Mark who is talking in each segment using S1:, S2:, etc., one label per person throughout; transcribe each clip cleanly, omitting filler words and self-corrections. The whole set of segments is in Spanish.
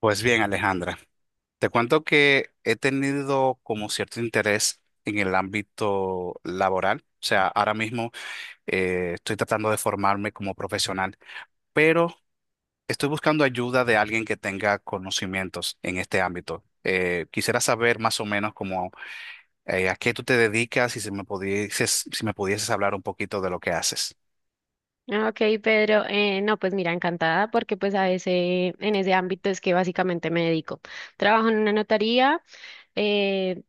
S1: Pues bien, Alejandra, te cuento que he tenido como cierto interés en el ámbito laboral. O sea, ahora mismo estoy tratando de formarme como profesional, pero estoy buscando ayuda de alguien que tenga conocimientos en este ámbito. Quisiera saber más o menos como a qué tú te dedicas y si me pudieses hablar un poquito de lo que haces.
S2: Ah, Ok, Pedro, no, pues mira, encantada porque pues en ese ámbito es que básicamente me dedico. Trabajo en una notaría. Eh,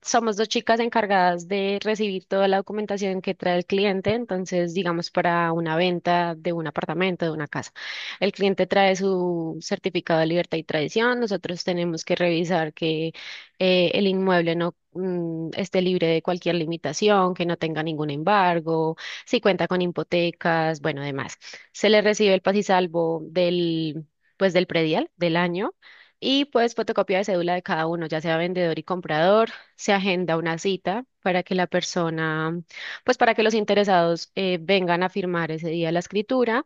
S2: Somos dos chicas encargadas de recibir toda la documentación que trae el cliente. Entonces, digamos, para una venta de un apartamento, de una casa, el cliente trae su certificado de libertad y tradición. Nosotros tenemos que revisar que el inmueble no esté libre de cualquier limitación, que no tenga ningún embargo, si cuenta con hipotecas, bueno, demás. Se le recibe el paz salvo pues, del predial del año y pues fotocopia de cédula de cada uno, ya sea vendedor y comprador. Se agenda una cita para que la persona, pues para que los interesados vengan a firmar ese día la escritura.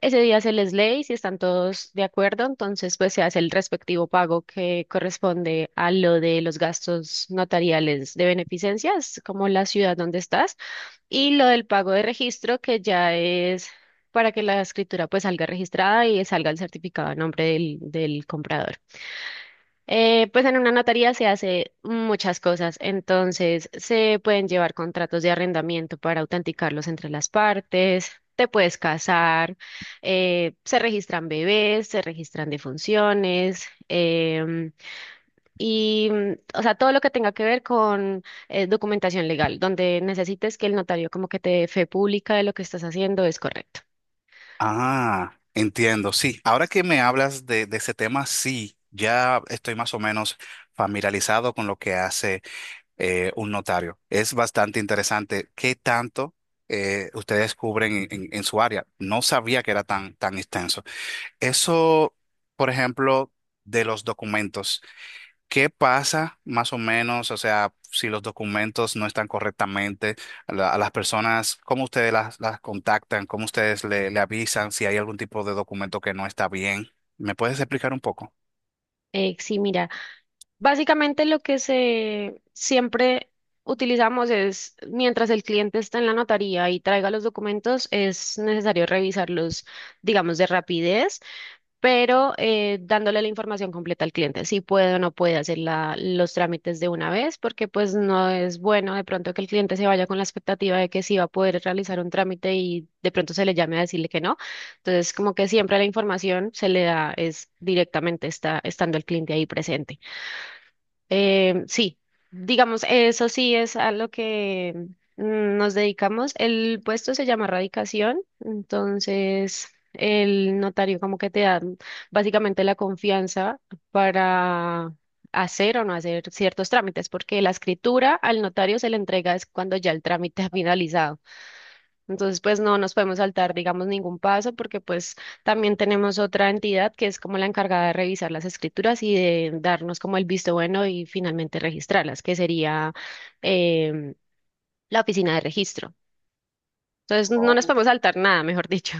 S2: Ese día se les lee y si están todos de acuerdo, entonces pues se hace el respectivo pago que corresponde a lo de los gastos notariales de beneficencias, como la ciudad donde estás, y lo del pago de registro, que ya es para que la escritura pues salga registrada y salga el certificado a nombre del comprador. Pues en una notaría se hace muchas cosas. Entonces, se pueden llevar contratos de arrendamiento para autenticarlos entre las partes, te puedes casar, se registran bebés, se registran defunciones, y o sea, todo lo que tenga que ver con documentación legal, donde necesites que el notario como que te dé fe pública de lo que estás haciendo es correcto.
S1: Ah, entiendo, sí. Ahora que me hablas de ese tema, sí, ya estoy más o menos familiarizado con lo que hace un notario. Es bastante interesante qué tanto ustedes cubren en su área. No sabía que era tan, tan extenso. Eso, por ejemplo, de los documentos. ¿Qué pasa más o menos? O sea, si los documentos no están correctamente, a las personas, ¿cómo ustedes las contactan? ¿Cómo ustedes le avisan si hay algún tipo de documento que no está bien? ¿Me puedes explicar un poco?
S2: Sí, mira, básicamente lo que se siempre utilizamos es, mientras el cliente está en la notaría y traiga los documentos, es necesario revisarlos, digamos, de rapidez, pero dándole la información completa al cliente, si puede o no puede hacer los trámites de una vez, porque pues no es bueno de pronto que el cliente se vaya con la expectativa de que sí va a poder realizar un trámite y de pronto se le llame a decirle que no. Entonces, como que siempre la información se le da es directamente estando el cliente ahí presente. Sí, digamos, eso sí es a lo que nos dedicamos. El puesto se llama radicación. Entonces, el notario como que te da básicamente la confianza para hacer o no hacer ciertos trámites, porque la escritura al notario se le entrega es cuando ya el trámite ha finalizado. Entonces, pues no nos podemos saltar, digamos, ningún paso, porque pues también tenemos otra entidad que es como la encargada de revisar las escrituras y de darnos como el visto bueno y finalmente registrarlas, que sería em, la oficina de registro. Entonces, no nos
S1: Oh.
S2: podemos saltar nada, mejor dicho.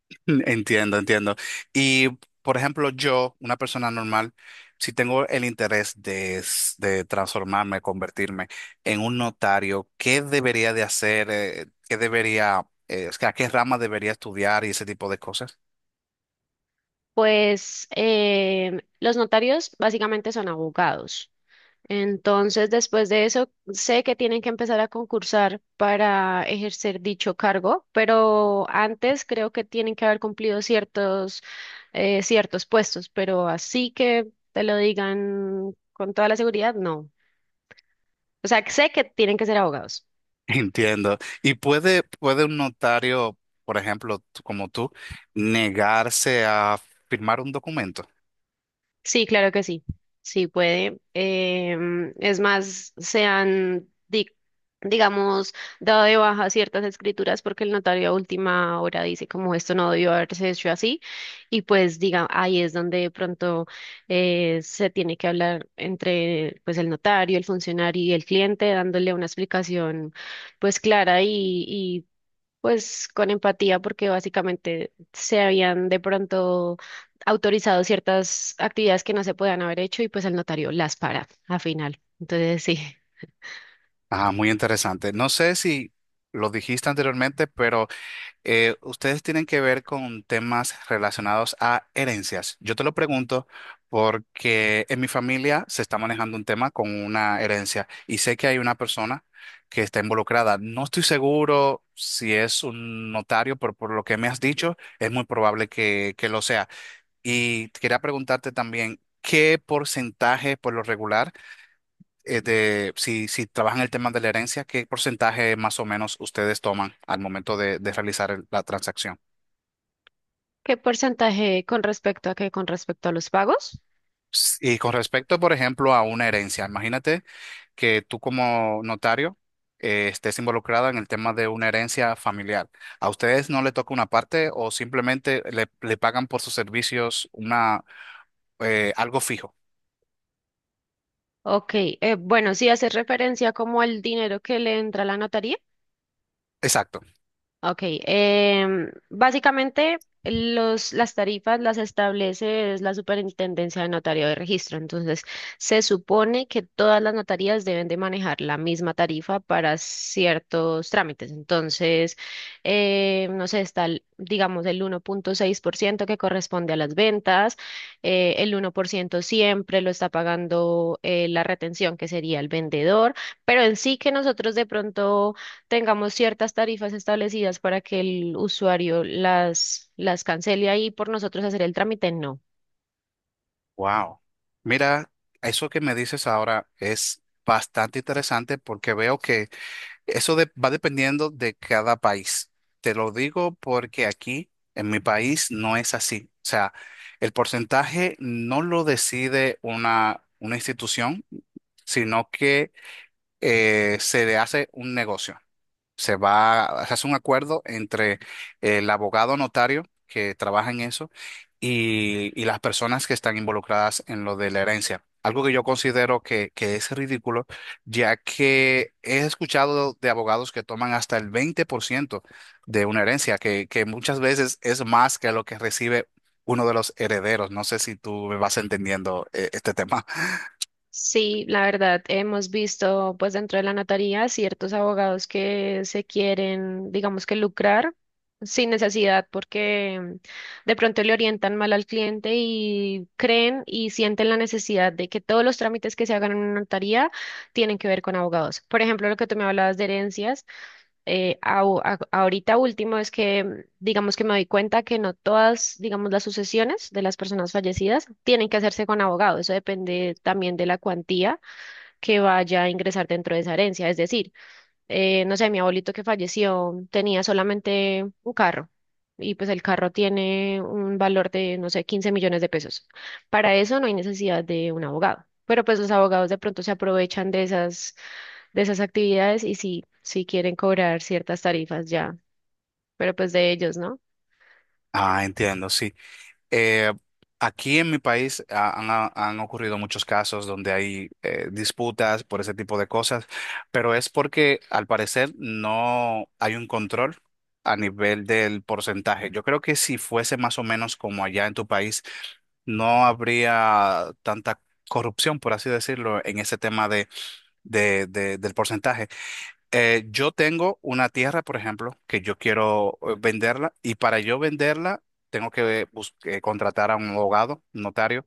S1: Entiendo, entiendo. Y, por ejemplo, yo, una persona normal, si tengo el interés de transformarme, convertirme en un notario, ¿qué debería de hacer? ¿Qué debería, o sea, ¿qué rama debería estudiar y ese tipo de cosas?
S2: Pues los notarios básicamente son abogados. Entonces, después de eso, sé que tienen que empezar a concursar para ejercer dicho cargo, pero antes creo que tienen que haber cumplido ciertos puestos, pero así que te lo digan con toda la seguridad, no. O sea, sé que tienen que ser abogados.
S1: Entiendo. ¿Y puede un notario, por ejemplo, como tú, negarse a firmar un documento?
S2: Sí, claro que sí. Sí puede. Es más, se han, digamos, dado de baja ciertas escrituras porque el notario a última hora dice como esto no debió haberse hecho así, y pues diga, ahí es donde de pronto se tiene que hablar entre pues el notario, el funcionario y el cliente, dándole una explicación pues clara y pues con empatía, porque básicamente se habían de pronto autorizado ciertas actividades que no se podían haber hecho y pues el notario las para a final. Entonces, sí.
S1: Ah, muy interesante. No sé si lo dijiste anteriormente, pero ustedes tienen que ver con temas relacionados a herencias. Yo te lo pregunto porque en mi familia se está manejando un tema con una herencia y sé que hay una persona que está involucrada. No estoy seguro si es un notario, pero por lo que me has dicho, es muy probable que lo sea. Y quería preguntarte también, ¿qué porcentaje por lo regular, de, si, si trabajan el tema de la herencia, qué porcentaje más o menos ustedes toman al momento de realizar la transacción?
S2: ¿Qué porcentaje con respecto a qué? ¿Con respecto a los pagos?
S1: Y con respecto, por ejemplo, a una herencia, imagínate que tú como notario estés involucrada en el tema de una herencia familiar. ¿A ustedes no le toca una parte o simplemente le pagan por sus servicios una, algo fijo?
S2: Ok, bueno, sí hace referencia como al dinero que le entra a la notaría.
S1: Exacto.
S2: Ok, básicamente las tarifas las establece es la Superintendencia de Notario de Registro. Entonces, se supone que todas las notarías deben de manejar la misma tarifa para ciertos trámites. Entonces, no sé, digamos, el 1.6%, que corresponde a las ventas, el 1% siempre lo está pagando la retención, que sería el vendedor, pero en sí que nosotros de pronto tengamos ciertas tarifas establecidas para que el usuario las cancele ahí por nosotros hacer el trámite, no.
S1: Wow. Mira, eso que me dices ahora es bastante interesante porque veo que eso va dependiendo de cada país. Te lo digo porque aquí, en mi país, no es así. O sea, el porcentaje no lo decide una institución, sino que se le hace un negocio, se va, se hace un acuerdo entre el abogado notario que trabaja en eso y las personas que están involucradas en lo de la herencia. Algo que yo considero que es ridículo, ya que he escuchado de abogados que toman hasta el 20% de una herencia, que muchas veces es más que lo que recibe uno de los herederos. No sé si tú me vas entendiendo este tema.
S2: Sí, la verdad, hemos visto pues dentro de la notaría ciertos abogados que se quieren, digamos, que lucrar sin necesidad, porque de pronto le orientan mal al cliente y creen y sienten la necesidad de que todos los trámites que se hagan en una notaría tienen que ver con abogados. Por ejemplo, lo que tú me hablabas de herencias. Ahorita último es que, digamos que me doy cuenta que no todas, digamos, las sucesiones de las personas fallecidas tienen que hacerse con abogado. Eso depende también de la cuantía que vaya a ingresar dentro de esa herencia. Es decir, no sé, mi abuelito que falleció tenía solamente un carro. Y pues el carro tiene un valor de, no sé, 15 millones de pesos. Para eso no hay necesidad de un abogado. Pero pues los abogados de pronto se aprovechan de esas actividades y sí, sí quieren cobrar ciertas tarifas ya, pero pues de ellos, ¿no?
S1: Ah, entiendo, sí. Eh, aquí en mi país han ocurrido muchos casos donde hay disputas por ese tipo de cosas, pero es porque al parecer no hay un control a nivel del porcentaje. Yo creo que si fuese más o menos como allá en tu país, no habría tanta corrupción, por así decirlo, en ese tema del porcentaje. Yo tengo una tierra, por ejemplo, que yo quiero venderla y para yo venderla tengo que contratar a un abogado, un notario,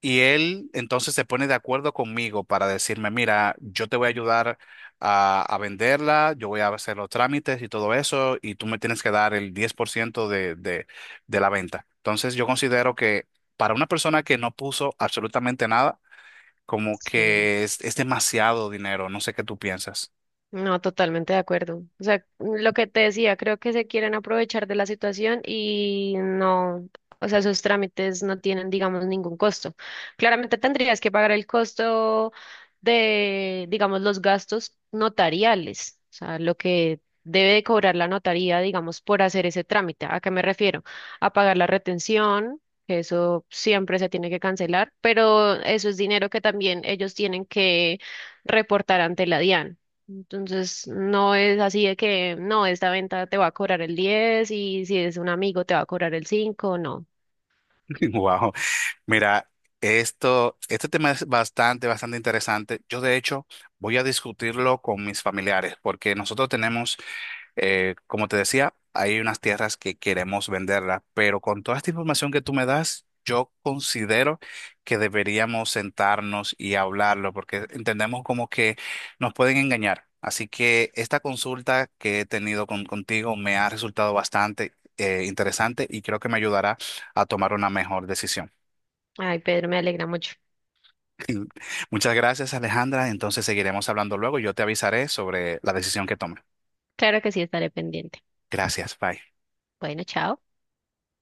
S1: y él entonces se pone de acuerdo conmigo para decirme, mira, yo te voy a ayudar a venderla, yo voy a hacer los trámites y todo eso, y tú me tienes que dar el 10% de la venta. Entonces yo considero que para una persona que no puso absolutamente nada, como
S2: Sí.
S1: que es demasiado dinero, no sé qué tú piensas.
S2: No, totalmente de acuerdo. O sea, lo que te decía, creo que se quieren aprovechar de la situación y no, o sea, sus trámites no tienen, digamos, ningún costo. Claramente tendrías que pagar el costo de, digamos, los gastos notariales, o sea, lo que debe de cobrar la notaría, digamos, por hacer ese trámite. ¿A qué me refiero? A pagar la retención, que eso siempre se tiene que cancelar, pero eso es dinero que también ellos tienen que reportar ante la DIAN. Entonces, no es así de que, no, esta venta te va a cobrar el 10 y si es un amigo te va a cobrar el cinco, no.
S1: Wow. Mira, esto, este tema es bastante, bastante interesante. Yo, de hecho, voy a discutirlo con mis familiares, porque nosotros tenemos, como te decía, hay unas tierras que queremos venderlas, pero con toda esta información que tú me das, yo considero que deberíamos sentarnos y hablarlo, porque entendemos como que nos pueden engañar. Así que esta consulta que he tenido contigo me ha resultado bastante, interesante y creo que me ayudará a tomar una mejor decisión.
S2: Ay, Pedro, me alegra mucho.
S1: Muchas gracias, Alejandra. Entonces seguiremos hablando luego. Yo te avisaré sobre la decisión que tome.
S2: Claro que sí, estaré pendiente.
S1: Gracias, bye.
S2: Bueno, chao.